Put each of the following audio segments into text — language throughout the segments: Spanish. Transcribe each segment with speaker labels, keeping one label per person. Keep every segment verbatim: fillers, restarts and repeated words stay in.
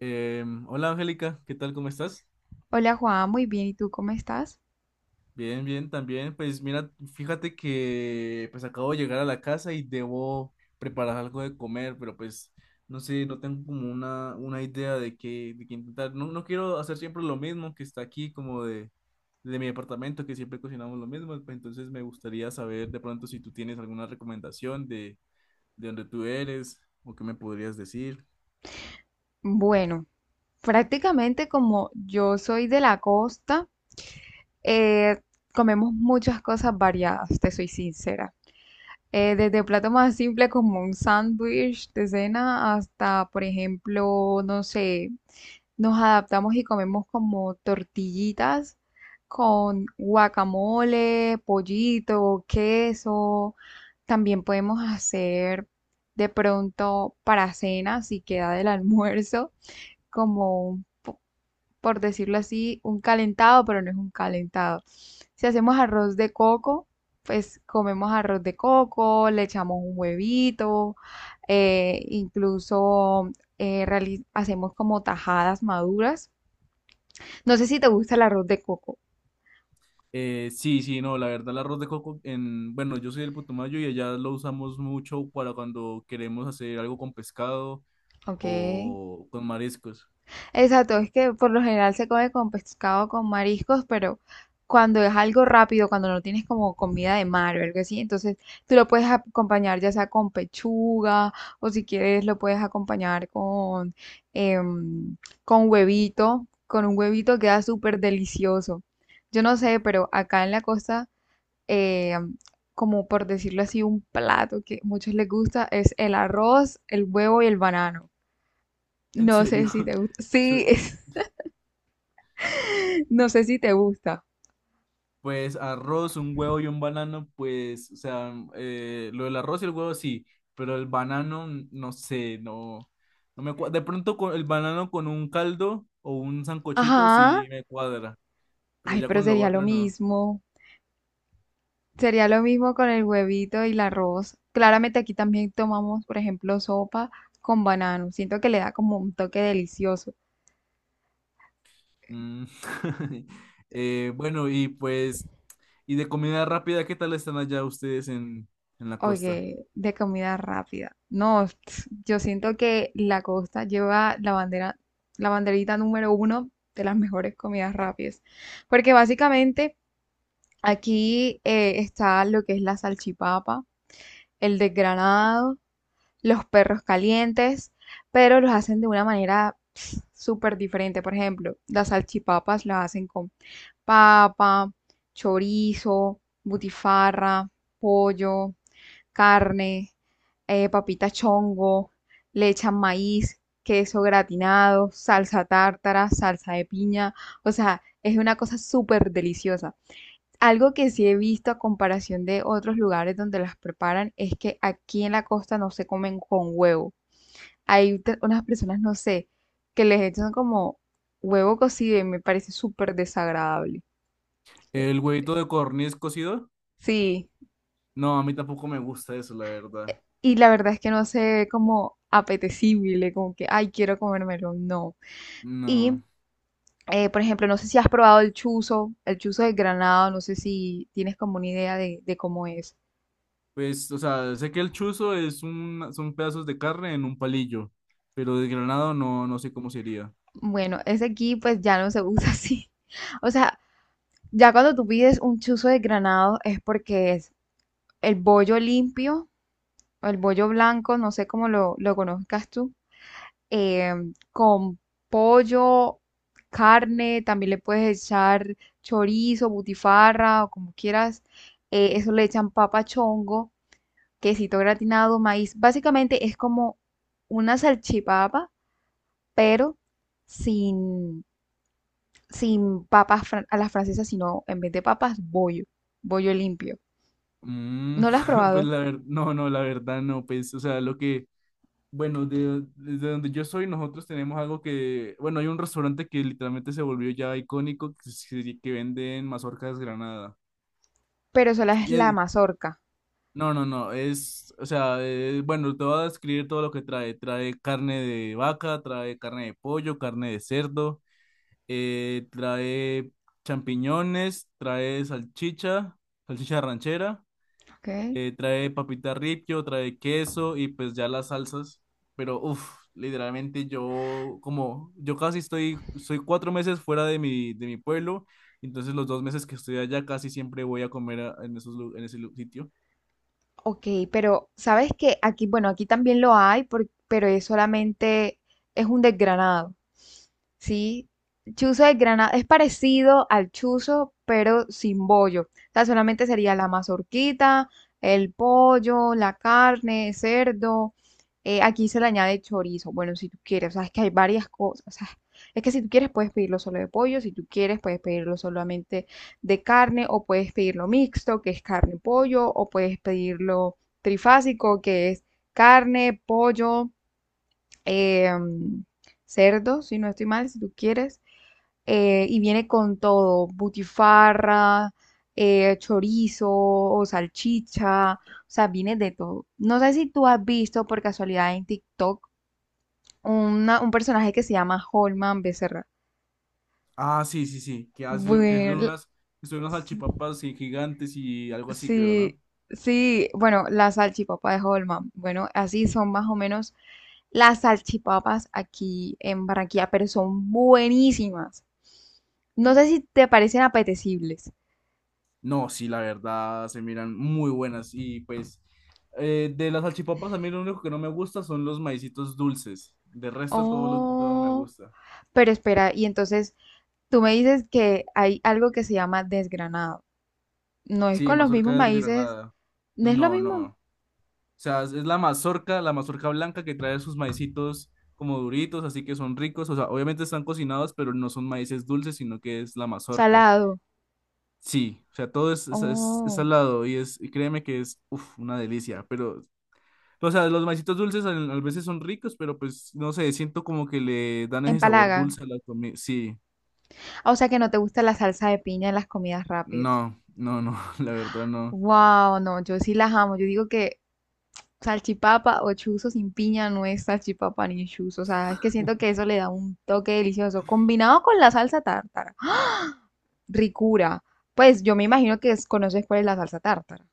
Speaker 1: Eh, hola Angélica, ¿qué tal? ¿Cómo estás?
Speaker 2: Hola Juan, muy bien. ¿Y tú cómo estás?
Speaker 1: Bien, bien, también. Pues mira, fíjate que pues acabo de llegar a la casa y debo preparar algo de comer, pero pues no sé, no tengo como una, una idea de qué, de qué intentar. No, no quiero hacer siempre lo mismo que está aquí, como de, de mi departamento, que siempre cocinamos lo mismo. Pues entonces me gustaría saber de pronto si tú tienes alguna recomendación de, de dónde tú eres o qué me podrías decir.
Speaker 2: Bueno, prácticamente como yo soy de la costa, eh, comemos muchas cosas variadas, te soy sincera. Eh, desde plato más simple como un sándwich de cena hasta, por ejemplo, no sé, nos adaptamos y comemos como tortillitas con guacamole, pollito, queso. También podemos hacer de pronto para cena, si queda del almuerzo, como un po- por decirlo así, un calentado, pero no es un calentado. Si hacemos arroz de coco, pues comemos arroz de coco, le echamos un huevito, eh, incluso eh, reali- hacemos como tajadas maduras. No sé si te gusta el arroz de coco.
Speaker 1: Eh, sí, sí, no, la verdad, el arroz de coco en, bueno, yo soy del Putumayo y allá lo usamos mucho para cuando queremos hacer algo con pescado
Speaker 2: Ok.
Speaker 1: o con mariscos.
Speaker 2: Exacto, es que por lo general se come con pescado, con mariscos, pero cuando es algo rápido, cuando no tienes como comida de mar o algo así, entonces tú lo puedes acompañar ya sea con pechuga o si quieres lo puedes acompañar con, em, con huevito. Con un huevito queda súper delicioso. Yo no sé, pero acá en la costa, eh, como por decirlo así, un plato que a muchos les gusta es el arroz, el huevo y el banano.
Speaker 1: En
Speaker 2: No
Speaker 1: serio,
Speaker 2: sé si te gusta.
Speaker 1: Su-
Speaker 2: Sí, no sé si te gusta.
Speaker 1: pues arroz, un huevo y un banano, pues, o sea, eh, lo del arroz y el huevo sí, pero el banano, no sé, no, no me cuadra. De pronto con el banano con un caldo o un sancochito
Speaker 2: Ajá.
Speaker 1: sí me cuadra, pero
Speaker 2: Ay,
Speaker 1: ya
Speaker 2: pero
Speaker 1: con lo
Speaker 2: sería lo
Speaker 1: otro no.
Speaker 2: mismo. Sería lo mismo con el huevito y el arroz. Claramente aquí también tomamos, por ejemplo, sopa con banano. Siento que le da como un toque delicioso.
Speaker 1: Mm. Eh, bueno, y pues. Y de comida rápida, ¿qué tal están allá ustedes en, en la costa?
Speaker 2: Oye, de comida rápida. No, yo siento que la costa lleva la bandera, la banderita número uno de las mejores comidas rápidas. Porque básicamente aquí eh, está lo que es la salchipapa, el desgranado, los perros calientes, pero los hacen de una manera pss, súper diferente. Por ejemplo, las salchipapas las hacen con papa, chorizo, butifarra, pollo, carne, eh, papita chongo, le echan maíz, queso gratinado, salsa tártara, salsa de piña, o sea, es una cosa súper deliciosa. Algo que sí he visto a comparación de otros lugares donde las preparan es que aquí en la costa no se comen con huevo. Hay unas personas, no sé, que les echan como huevo cocido y me parece súper desagradable.
Speaker 1: ¿El huevito de codorniz cocido?
Speaker 2: Sí.
Speaker 1: No, a mí tampoco me gusta eso, la verdad.
Speaker 2: Y la verdad es que no se ve como apetecible, como que, ay, quiero comérmelo, no.
Speaker 1: No.
Speaker 2: Y eh, por ejemplo, no sé si has probado el chuzo, el chuzo de Granada, no sé si tienes como una idea de, de cómo es.
Speaker 1: Pues, o sea, sé que el chuzo es un, son pedazos de carne en un palillo, pero desgranado no, no sé cómo sería.
Speaker 2: Bueno, ese aquí pues ya no se usa así. O sea, ya cuando tú pides un chuzo de granado es porque es el bollo limpio, o el bollo blanco, no sé cómo lo, lo conozcas tú, eh, con pollo, carne, también le puedes echar chorizo, butifarra o como quieras. Eh, eso le echan papa chongo, quesito gratinado, maíz. Básicamente es como una salchipapa, pero sin, sin papas fran- a las francesas, sino en vez de papas, bollo, bollo limpio.
Speaker 1: Mm,
Speaker 2: No lo has
Speaker 1: pues
Speaker 2: probado,
Speaker 1: la verdad, no, no, la verdad no, pues, o sea, lo que, bueno, de, desde donde yo soy, nosotros tenemos algo que, bueno, hay un restaurante que literalmente se volvió ya icónico, que, se- que venden mazorca desgranada.
Speaker 2: pero sola es
Speaker 1: Y
Speaker 2: la
Speaker 1: es,
Speaker 2: mazorca,
Speaker 1: no, no, no, es, o sea, eh, bueno, te voy a describir todo lo que trae. Trae carne de vaca, trae carne de pollo, carne de cerdo, eh, trae champiñones, trae salchicha, salchicha ranchera,
Speaker 2: ¿ok?
Speaker 1: eh, trae papita ripio, trae queso y pues ya las salsas. Pero, uff, literalmente yo, como, yo casi estoy, soy cuatro meses fuera de mi, de mi pueblo, entonces los dos meses que estoy allá casi siempre voy a comer a- en esos, lu- en ese lu- sitio.
Speaker 2: Ok, pero sabes que aquí, bueno, aquí también lo hay, por- pero es solamente, es un desgranado. Sí, chuzo de Granada es parecido al chuzo, pero sin bollo. O sea, solamente sería la mazorquita, el pollo, la carne, cerdo. Eh, aquí se le añade chorizo. Bueno, si tú quieres, o sea, es que hay varias cosas. O sea, es que si tú quieres puedes pedirlo solo de pollo, si tú quieres puedes pedirlo solamente de carne o puedes pedirlo mixto, que es carne y pollo, o puedes pedirlo trifásico, que es carne, pollo, em, cerdo, si no estoy mal, si tú quieres, eh, y viene con todo, butifarra, eh, chorizo o salchicha, o sea, viene de todo. No sé si tú has visto por casualidad en TikTok una- un personaje que se llama Holman Becerra.
Speaker 1: Ah, sí, sí, sí, que, hace, que son
Speaker 2: Bueno,
Speaker 1: unas, que son unas salchipapas sí, gigantes y algo así, creo,
Speaker 2: sí,
Speaker 1: ¿no?
Speaker 2: sí, bueno, la salchipapa de Holman. Bueno, así son más o menos las salchipapas aquí en Barranquilla, pero son buenísimas. No sé si te parecen apetecibles.
Speaker 1: No, sí, la verdad, se miran muy buenas y pues eh, de las salchipapas a mí lo único que no me gusta son los maicitos dulces, de resto todo lo todo me
Speaker 2: Oh,
Speaker 1: gusta.
Speaker 2: pero espera, y entonces tú me dices que hay algo que se llama desgranado. No es
Speaker 1: Sí,
Speaker 2: con los
Speaker 1: mazorca
Speaker 2: mismos maíces,
Speaker 1: desgranada.
Speaker 2: no es lo
Speaker 1: No, no.
Speaker 2: mismo.
Speaker 1: O sea, es es la mazorca, la mazorca blanca que trae sus maicitos como duritos, así que son ricos, o sea, obviamente están cocinados, pero no son maíces dulces, sino que es la mazorca.
Speaker 2: Salado.
Speaker 1: Sí, o sea, todo es, es, es- es
Speaker 2: Oh,
Speaker 1: salado y es, y créeme que es, uf, una delicia, pero, o sea, los maicitos dulces a, a veces son ricos, pero pues, no sé, siento como que le dan ese sabor
Speaker 2: empalagan.
Speaker 1: dulce a la comida, sí,
Speaker 2: Ah, o sea que no te gusta la salsa de piña en las comidas rápidas.
Speaker 1: no, no, no, la verdad no.
Speaker 2: Wow, no, yo sí las amo. Yo digo que salchipapa o chuzo sin piña no es salchipapa ni chuzo. O sea, es que siento que eso le da un toque delicioso, combinado con la salsa tártara. ¡Ah! Ricura. Pues yo me imagino que es- conoces cuál es la salsa tártara.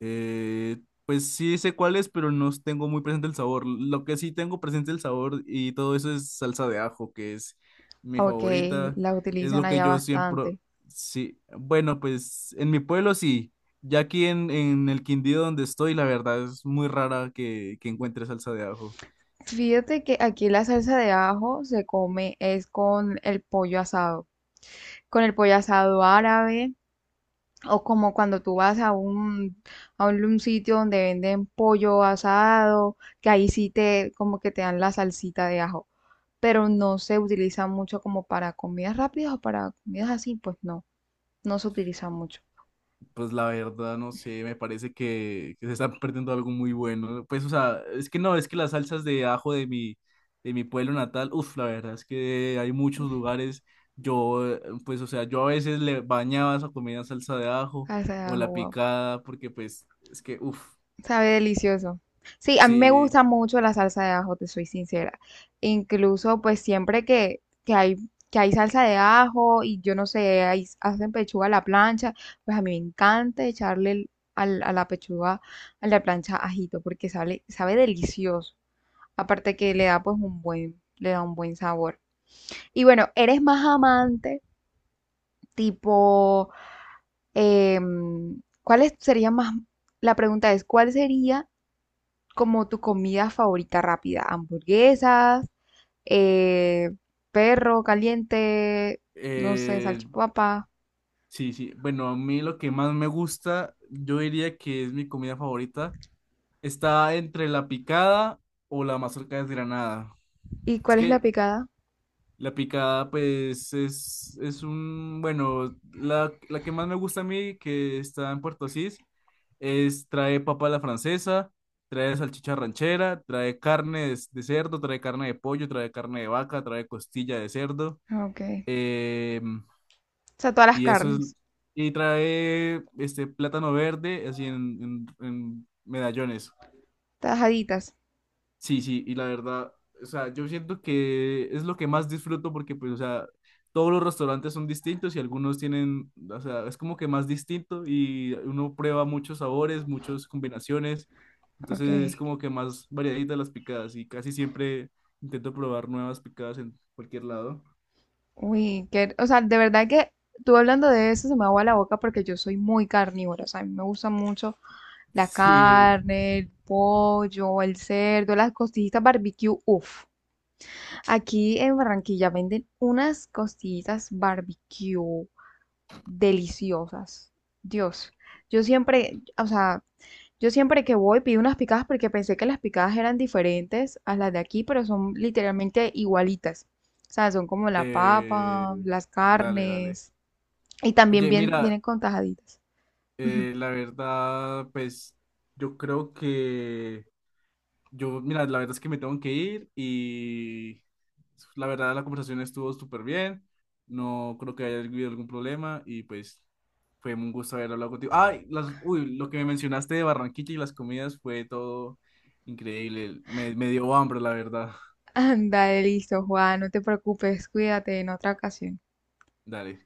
Speaker 1: Eh, pues sí sé cuál es, pero no tengo muy presente el sabor. Lo que sí tengo presente el sabor y todo eso es salsa de ajo, que es mi
Speaker 2: Ok,
Speaker 1: favorita.
Speaker 2: la
Speaker 1: Es
Speaker 2: utilizan
Speaker 1: lo que
Speaker 2: allá
Speaker 1: yo siempre...
Speaker 2: bastante.
Speaker 1: Sí, bueno, pues en mi pueblo sí. Ya aquí en, en el Quindío donde estoy, la verdad es muy rara que, que encuentre salsa de ajo.
Speaker 2: Fíjate que aquí la salsa de ajo se come es con el pollo asado, con el pollo asado árabe o como cuando tú vas a un, a un, un sitio donde venden pollo asado, que ahí sí te como que te dan la salsita de ajo, pero no se utiliza mucho como para comidas rápidas o para comidas así, pues no, no se utiliza mucho.
Speaker 1: Pues la verdad, no sé, me parece que, que se está perdiendo algo muy bueno. Pues, o sea, es que no, es que las salsas de ajo de mi, de mi pueblo natal, uff, la verdad es que hay muchos lugares. Yo, eh, pues, o sea, yo a veces le bañaba esa comida en salsa de ajo
Speaker 2: Salsa de
Speaker 1: o
Speaker 2: ajo,
Speaker 1: la
Speaker 2: wow.
Speaker 1: picada, porque, pues, es que, uff,
Speaker 2: Sabe delicioso. Sí, a mí me
Speaker 1: sí,
Speaker 2: gusta mucho la salsa de ajo, te soy sincera. Incluso, pues siempre que, que hay, que hay salsa de ajo y yo no sé, ahí hacen pechuga a la plancha, pues a mí me encanta echarle el- al- a la pechuga, a la plancha ajito, porque sabe, sabe delicioso. Aparte que le da pues un buen, le da un buen sabor. Y bueno, eres más amante, tipo, em, ¿cuáles sería más? La pregunta es, ¿cuál sería como tu comida favorita rápida? Hamburguesas, eh, perro caliente, no sé,
Speaker 1: eh,
Speaker 2: salchipapa.
Speaker 1: sí, sí. Bueno, a mí lo que más me gusta, yo diría que es mi comida favorita, está entre la picada o la mazorca desgranada.
Speaker 2: ¿Y
Speaker 1: Es
Speaker 2: cuál es la
Speaker 1: que
Speaker 2: picada?
Speaker 1: la picada, pues, es, es un, bueno, la, la que más me gusta a mí, que está en Puerto Asís, es, trae papa a la francesa, trae salchicha ranchera, trae carne de, de cerdo, trae carne de pollo, trae carne de vaca, trae costilla de cerdo,
Speaker 2: Ah, ok. O
Speaker 1: eh,
Speaker 2: sea, todas las
Speaker 1: y eso es,
Speaker 2: carnes,
Speaker 1: y trae, este, plátano verde, así en, en, en medallones.
Speaker 2: tajaditas.
Speaker 1: Sí, sí, y la verdad, o sea, yo siento que es lo que más disfruto porque, pues, o sea, todos los restaurantes son distintos y algunos tienen, o sea, es como que más distinto y uno prueba muchos sabores, muchas combinaciones,
Speaker 2: Ok.
Speaker 1: entonces es como que más variadita las picadas y casi siempre intento probar nuevas picadas en cualquier lado.
Speaker 2: Uy, que, o sea, de verdad que tú hablando de eso se me agua la boca porque yo soy muy carnívora. O sea, a mí me gusta mucho la
Speaker 1: Sí,
Speaker 2: carne, el pollo, el cerdo, las costillitas barbecue. Uf. Aquí en Barranquilla venden unas costillitas barbecue deliciosas. Dios, yo siempre, o sea, yo siempre que voy pido unas picadas porque pensé que las picadas eran diferentes a las de aquí, pero son literalmente igualitas. O sea, son como la
Speaker 1: eh,
Speaker 2: papa, las
Speaker 1: dale, dale.
Speaker 2: carnes y también
Speaker 1: Oye,
Speaker 2: bien,
Speaker 1: mira,
Speaker 2: vienen con tajaditas.
Speaker 1: eh, la verdad, pues, yo creo que... Yo, mira, la verdad es que me tengo que ir y la verdad la conversación estuvo súper bien. No creo que haya habido algún problema y pues fue un gusto haber hablado contigo. Ay, las, uy, lo que me mencionaste de Barranquilla y las comidas fue todo increíble. Me, me dio hambre, la verdad.
Speaker 2: Anda, listo, Juan, no te preocupes, cuídate en otra ocasión.
Speaker 1: Dale.